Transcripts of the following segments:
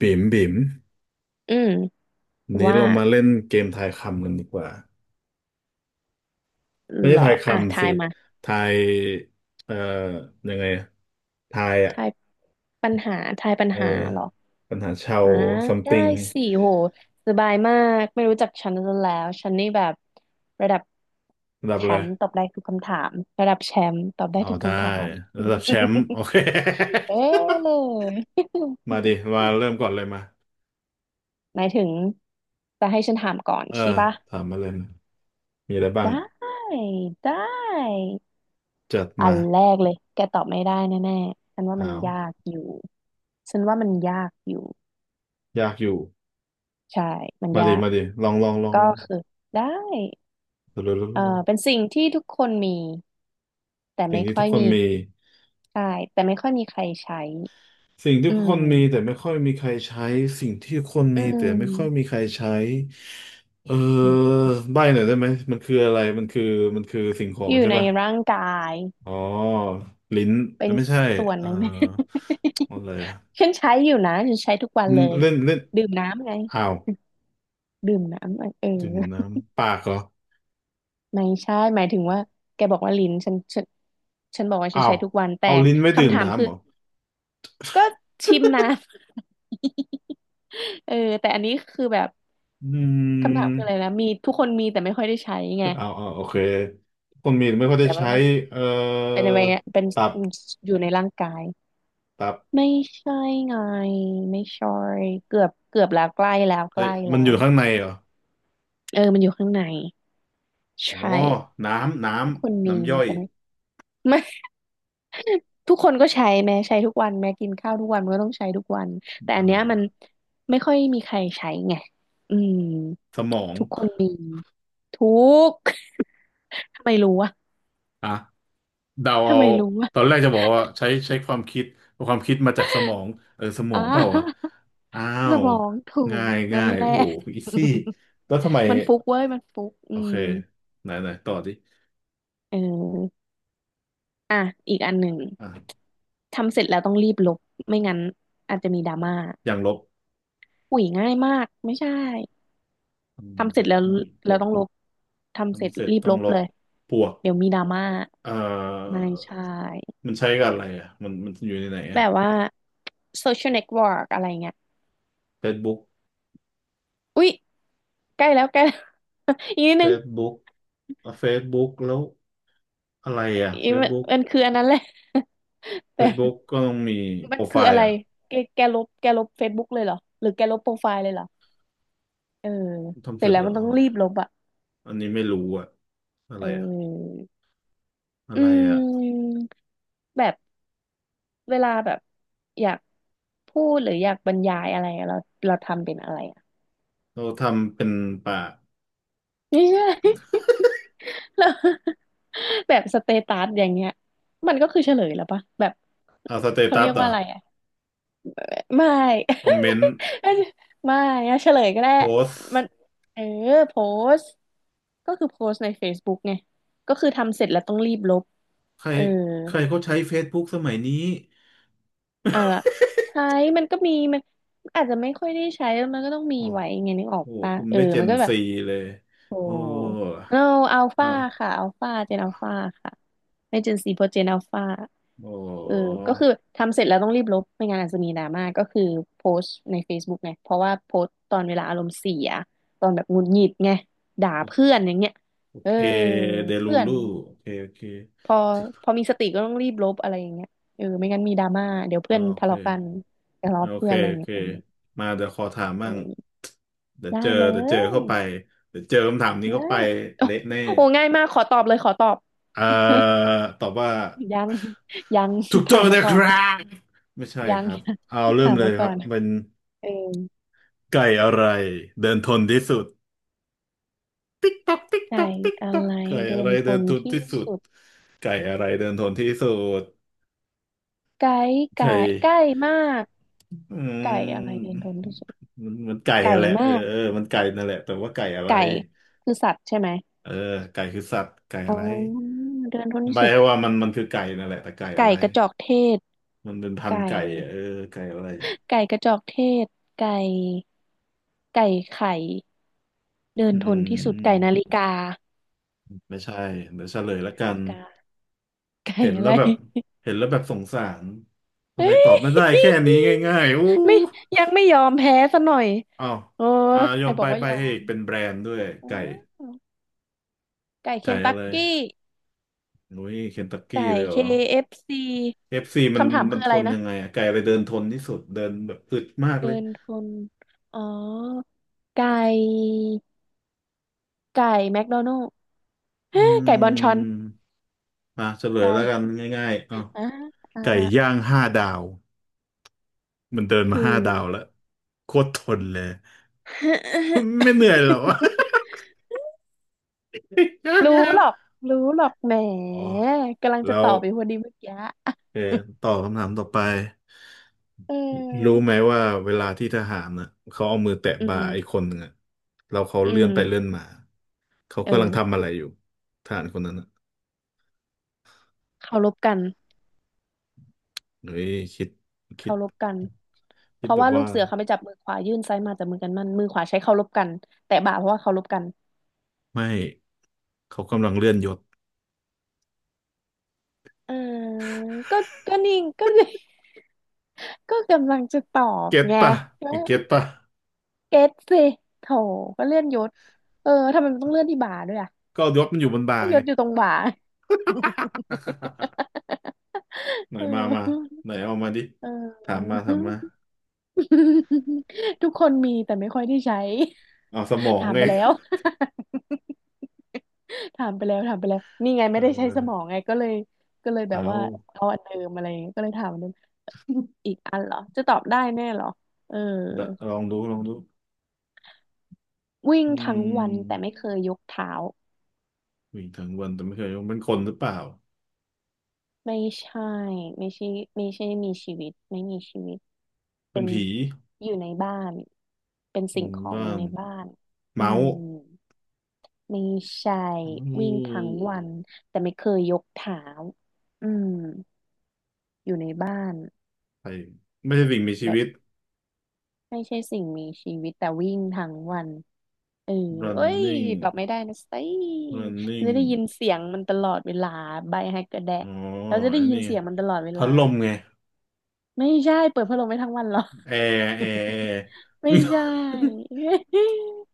บิ่มบิ่มอืมนี้ว่าเรามาเล่นเกมทายคำกันดีกว่า ไม่เหใช่รอทายอ่ะคำทาสิยมาทายเอ่อยังไงอะทายอ่ะ ทายปัญหาทายปัญเออ หาเหรอปัญหาชาว อ่าได้ something สิโหสบายมากไม่รู้จักฉันซะแล้วฉันนี่แบบระดับระดับแชอะไร มป์ตอบได้ทุกคำถามระดับแชมป์ตอบได้เอาทุกได้คำถาม ระดับแชมป์โอเค เอ๊ะ มาดิมาเริ่มก่อนเลยมา หมายถึงจะให้ฉันถามก่อนเออใช่ปะถามมาเลยมามีอะไรบ้าง ได้ได้จัดอัมานแรกเลยแกตอบไม่ได้แน่ๆฉันว่าอ้ามันวยากอยู่ฉันว่ามันยากอยู่ ยากอยู่ ใช่ มันมายาดิก มาดิลองลองลองก็ลองคือได้ลองลองลองลองเป็นสิ่งที่ทุกคนมีแต่สิ่งไม่ที่ค่ทุอกยคนมีมี ใช่แต่ไม่ค่อยมีใครใช้สิ่งที่อืคนมีแต่มไม่ค่อยมีใครใช้สิ่งที่คนอืมีแต่ไม่ค่อยมมีใครใช้เออใบ้หน่อยได้ไหมมันคือมันคือสิ่งของอยู่ใช่ในป่ะร่างกายอ๋อลิ้นเป็เอ้นยไม่ใช่ส่วนหเอ่อนึ่ง ไหม อะไรอ่ะ ฉันใช้อยู่นะ ฉันใช้ทุกวันมัเลนย เล่นเล่นดื่มน้ำไง อ้าวดื่มน้ำไงเอดื่มน้อำปากเหรอไม่ใช่หมายถึงว่าแกบอกว่าลิ้นฉันฉันบอกว่าฉัอ้านวใช้ทุกวัน แต่เอาลิ้นไม่ดื่มคำถามน้ำคือเหรอก็ชิมน้ำ เออแต่อันนี้คือแบบ อืคำถามคืออะไรมนะมีทุกคนมีแต่ไม่ค่อยได้ใช้ไงเอ้าวอ้าวโอเคคนมีแต่ไม่ค่อยได้แต่ว่าใช้มัน เอ่อ anyway เป็นอะไรตับเเป็นอยู่ในร่างกายตับไม่ใช่ไงไม่ใช่เกือบแล้วใกล้แล้วใกเอ้ยล้มัแล้นอวยู่ข้างในเหรอ เออมันอยู่ข้างในอ๋อใช่น้ำ น้ทุกคนำ มีน้ำย่อย แต่ไม่ ทุกคนก็ใช้แม้ใช้ทุกวันแม้กินข้าวทุกวันมันก็ต้องใช้ทุกวันแต่อะอันไรเนี้ยมัอะนไม่ค่อยมีใครใช้ไงอืมสมอง ทุกคนมีทุก ทำไมรู้วะอ่ะเดาทำเอา ไมรู้วะตอนแรกจะบอกว่าใช้ความคิด ความคิดมาจากสมอง เออ สมออ่งเปล่าวะา อ้าสว มองถูง่ากยนั่ง่านย แหละโอ้อีซี่ แล้วทำไม มันฟุกเว้ยมันฟุกอืโอเค มไหนไหนต่อดิเอออ่ะอีกอันหนึ่งอ่ะทำเสร็จแล้วต้องรีบลบไม่งั้นอาจจะมีดราม่าอย่างลบอุ้ยง่ายมากไม่ใช่ทำทำเสเสร็จร็จแล้วต้องลเราบต้องลบทำเสร็จทำเสร็จรีบต้อลงบลเลบยปวกเดี๋ยวมีดราม่าเอ่อไม่ใช่มันใช้กับอะไรอ่ะมันอยู่ในไหนแบอ่ะ บว่า social network อะไรเงี้ย Facebook อุ้ยใกล้แล้วใกล้แล้ว อีกนิด Facebook นึงเฟซบุ๊กแล้ว อะไรอ่ะ อีกมัน Facebook มันคืออันนั้นแหละ แต่ Facebook ก็ต้องมีโปมันรไฟคืออะล์ไรเหรอ่ะแกแกลบเฟซบุ๊กเลยเหรอหรือแกลบโปรไฟล์เลยเหรอเออทำเสเสร็ร็จจแล้วแล้วมันต้อะองไรรีบลบอ่ะอันนี้ไม่รู้อ่ะอะไรเออ่ะออะอืไรอ่ะมแบบเวลาแบบอยากพูดหรืออยากบรรยายอะไรอะเราทำเป็นอะไรอะเราทำเป็นป่าไม่ใช่ แล้ แบบสเตตัสอย่างเงี้ยมันก็คือเฉลยแล้วปะแบบอ่าสเตเขาตัเรีสยกเหรว่าอ่ะอะไรอะ ไม่ คอมเมนต์ ไม่อะเฉลยก็ได้โพสมัน เออ โพสต์ก็คือโพสต์ใน Facebook ไงก็คือทำเสร็จแล้วต้องรีบลบใครเออ ใครเขาใช้ Facebook สมัยนี้อ่ะใช้ มันก็มีมันอาจจะไม่ค่อยได้ใช้แล้วมันก็ต้องมีโอ้ไว้ไงนึกออกโหปะคุณเออ ไม่เจมันนก็แบบ ซีเลยโอ้โอ้โนอัลฟาอ้าวค่ะอัลฟาเจนอัลฟาค่ะไม่เจนซีเพราะเจนอัลฟาโอเออ้ก็คือทำเสร็จแล้วต้องรีบลบไม่งั้นอาจจะมีดราม่าก็คือโพสต์ใน Facebook ไงเพราะว่าโพสต์ตอนเวลาอารมณ์เสียตอนแบบหงุดหงิดไงด่าโอเพื่อนอย่างเงี้ยโอเอเคอเดลูเพื่อนลูโอเคโอเคพอพอมีสติก็ต้องรีบลบอะไรอย่างเงี้ยเออไม่งั้นมีดราม่าเดี๋ยวเพื่อ่าอนโอทะเค เลาะกันทะโอเลาะเพื่เคอนอะไรอโอย่างเคเงี้ยมาเดี๋ยวขอถามเอบ้างอเดี๋ยวได้เจอเลเดี๋ยวเจอย เข้าไปเดี๋ยวเจอคำถามนี้ได้ เข้าไปโอ้เละแน่โหง่ายมากขอตอบเลยขอตอบ เอ่อ ตอบว่ายังยังถูกต้ถาองมมานะก่อคนดิรัยบไม่ใช่ยัคงรับยังเอาเริ่ถามมเลยมาคก่อรับนเป็นเออไก่อะไรเดินทนที่สุดติ๊กตอกติ๊กตอไก่กติ๊กอะตอกไรไก่เดิอะไรนทเดินนทนที่ที่สุดสุดไก่อะไรเดินทนที่สุดไก่ไก่ไก่ไก่มากอืไก่อะไรเดินมทนที่สุดมันไก่ไก่อะแหละเอมาอกเออมันไก่นั่นแหละแต่ว่าไก่อะไร ไก่คือสัตว์ใช่ไหมเออไก่คือสัตว์ไก่อะอ๋อไรเดินทนใบที่สุดให้ว่ามันคือไก่นั่นแหละแต่ไก่อะไก่ไรกระจอกเทศมันเป็นพันไก่ธุ์ไก่อะเออไก่อะไรไก่กระจอกเทศไก่ไก่ไข่เดินอืทนที่สุดไก่นามฬิกาไม่ใช่เดี๋ยวเฉลไก่ยละนากันฬิกา ไก่เห็นอะแล้ไร วแบบเห็นแล้วแบบสงสารทำไมตอบไม่ ได้แค่นี้ง่ายๆอู้ไม่ยังไม่ยอมแพ้ซะหน่อยอ้าวเอออ่ายใคอรมบไปอกว่าไปยอให้อีมกเป็นแบรนด์ด้วยโอไก่ไก่เคไก่นอะตักไรกี้อุ้ยเคนตักกี้ไก่ เลยเหรอ KFC คเอฟซีเอฟซีมันคำถามมัคืนอทอะไรนนะ ยังไงอะไก่อะไรเดินทนที่สุดเดินแบบอึดมากเลเดิยนคนอ๋อไก่ ไก่แมคโดนัลด์ไก่อืบอนชอนม อ่ะเฉลยไก่แล้วกันง่ายๆอ่ะอ่าอ่าไก่อ่าย่างห้าดาวมันเดินมาคืห้าอ ดาวแล้วโคตรทนเลยไม่เหนื่อยหรอ ย่างรู้งาน หรอกรู้หรอกแหม อ๋อกำลังจะแล้ตวอบไปพอดีเมื่อกี้เออต่อคำถามต่อไปเอรู้ไหมอว่าเวลาที่ทหารน่ะเขาเอามือแตะอืบ่าไอ้คม นหนึ่งอะแล้วเขาอืเลื่อนไปเลื่อมนมาเขาเอกำลังอทำอะไรอยู่ทหารคนนั้นอ่ะเคารพกันเฮ้ยคิดคิเคาดรพกันเพคิดราะแบบว่าลูว่ากเสือเขาไปจับมือขวายื่นซ้ายมาจับมือกันมันมือขวาใช้เคารพกันแต่บ่าเพราะว่าเคารพกันไม่เขากำลังเลื่อนยศ เออก็ก็นิ่งก็ ก็กำลังจะตอบเก็ตไงป่ะเก็ตป่ะเก็ตสิโถก็เลื่อนยศเออทำไมมันต้องเลื่อนที่บ่าด้วยอ่ะก็ยศมันอยู่บนบ่าก็ยไงศอยู่ตรงบ่า ไหนเออมามาไหนเอามาดิเอถามมาถามมาอ ทุกคนมีแต่ไม่ค่อยได้ใช้ เอาสมอ งถามไง ไปแล้ว ถามไปแล้วนี่ ไงเไม่ได้ใช้สมองออไงก็เลยแบบเอาว่าเอาอันเดิมอะไรอย่างเงี้ยก็เลยถามอันเดิมอีกอันเหรอจะตอบได้แน่เหรอเออดะลองดูลองดูวิ่งอืทั้งวันแต่มไม่เคยยกเท้าวิ่งทั้งวันแต่ไม่เคยเป็นคนหรือเปล่าไม่ใช่ไม่ใช่ไม่ใช่มีชีวิตไม่มีชีวิตเป็เป็นนผีอยู่ในบ้านเป็นอืสิ่งมของบ้าอยู่นในบ้านอืเมาม ส์ไม่ใช่อืวิ่งทั้งมวันแต่ไม่เคยยกเท้าอืมอยู่ในบ้านใช่ไม่ใช่สิ่งมีชีแบบวิต ไม่ใช่สิ่งมีชีวิตแต่วิ่งทั้งวันเออเอ้ยตอบ running ไม่ได้นะสิจะได้ยิ running นเสียงมันตลอดเวลาใบให้กระแดะอ๋อเราจะได้อันยินี้นไงเสียงมันตลอดเวพัลาดลมไงไม่ใช่เปิดพัดลมไม่ทั้งวันหรอ แอร์ ไม่ใช่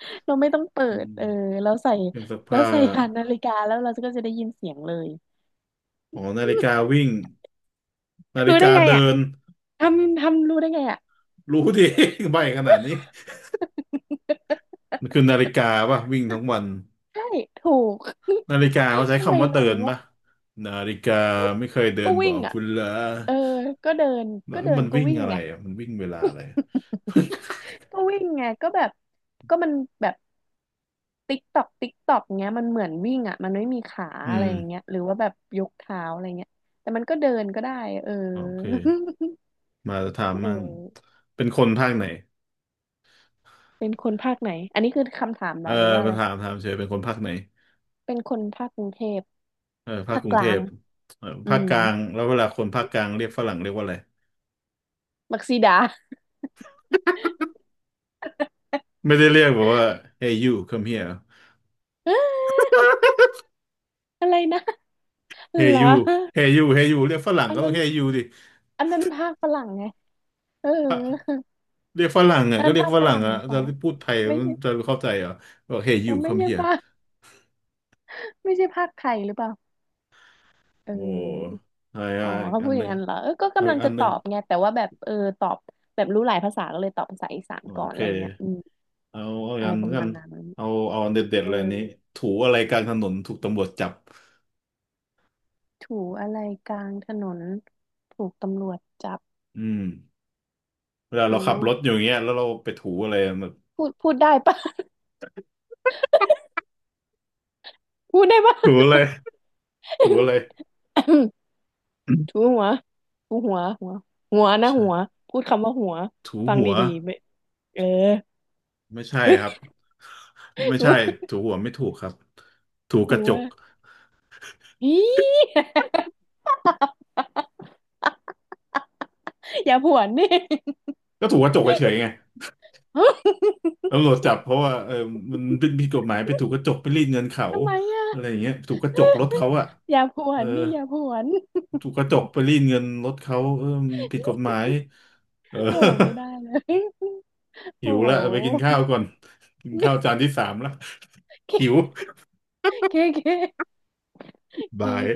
เราไม่ต้องเปิอืดม เออเราใส่ เครื่องซักเราผ้าใส่ ผ่านนาฬิกาแล้วเราก็จะได้ยินเสียงเลย อ๋อนาฬิกา วิ่งนาฬิรู้ได้กาไงอ่ะ เดินทำรู้ได้ไงอ่ะรู้ดิ ใบขนาดนี้มันคือนาฬิกาป่ะวิ่งทั้งวันใช่ถูก นาฬิกาเขาใช้ทำไมคำว่าเดิรู้นอ่ะป่ะนาฬิกาก็ไม่เคยเดิก็นบอวิ่งกอ่ะเุณละเออก็เดินแล้ก็วเดินมันก็วิ่งวิ่งอะไรไง อ่ะมันวิ่งเวลาอะไร ก็วิ่งไงก็แบบก็มันแบบติ๊กตอกติ๊กตอกเงี้ยมันเหมือนวิ่งอ่ะมันไม่มีขาอือะไรมอย่างเงี้ยหรือว่าแบบยกเท้าอะไรเงี้ยแต่มันก็เดินก็ได้เออ โอเค มาถามเออมั่งเป็นคนภาคไหนเป็นคนภาคไหนอันนี้คือคำถามเหเอรออหรือว่าอะมาไรถามถามเฉยเป็นคนภาคไหนเป็นคนภาคกรุงเทพเออภาคภาคกกรุงเทลางพเอออืภาคมกลางแล้วเวลาคนภาคกลางเรียกฝรั่งเรียกว่าอะไรมักซีดา ไม่ได้เรียกแบบว่า Hey you come here อะไรนะ เฮเหรอยูเฮยูเฮยูเรียกฝรั่งอันก็ต้องนั้นเฮยูดิอันนั้นภาคฝรั่งไงเออเรียกฝรั่งอ่ะอันก็นั้นเรียกภาคฝฝรั่งรั่งอ่ะหรือเปจะล่าพูดไทยไม่มันใช่จะเข้าใจเหรอบอกเฮเออยู ไม่ come ใช่ here ภาคไม่ใช่ภาคไทยหรือเปล่าเโอ้ออใช่อ๋อะออีกเขาอัพูนดอหย่านึ่งงนั้นเหรอเออก็เอากำลัอีงกอัจะนหตนึ่องบไงแต่ว่าแบบเออตอบแบบรู้หลายภาษาก็เลยตอบภาษาอีสานโอก่อนเคอะไรเงี้ยอืมเอาเอาอีกอะไรอันหปนึ่งระกัมานณนั้นเอาเอาอันเด็ดเอๆเลยอันนี้อถูอะไรกลางถนนถูกตำรวจจับถูอะไรกลางถนนถูกตำรวจจับอืมเวลาเราถูขับรถอยู่อย่างเงี้ยแล้วเราไปถูอะไรแบบพูดได้ปะ พูดได้ปะ ถูอะไรถูอะไร ถูหัวถูหัวหัวนะหัวใช่พูดคำว่าหัวถูฟังหัวดีๆไม่เออ ไม่ใช่ครับ ไม่ถูใช่ถูหัวไม่ถูกครับถูกหัระวจก อี อย่าผวนดิ ก็ถูกกระจกเฉยๆไงตำรวจ จับเพราะว่าเออมันเป็นผิดกฎหมายไปถูกกระจกไปรีดเงินเขาทำไมอ่ะอะไรอย่างเงี้ยถูกกระจกรถเขาอะอย่าผวเออนดิอย่าผวน ถูกกระจกไปรีดเงินรถเขาเออมันผิดกฎหมายเออ โอ้ไม่ได้เลย หิโอ้ วละไปกินข้าวก่อนกินข้าวจานที่สามละ หิว เคเคเคบายเค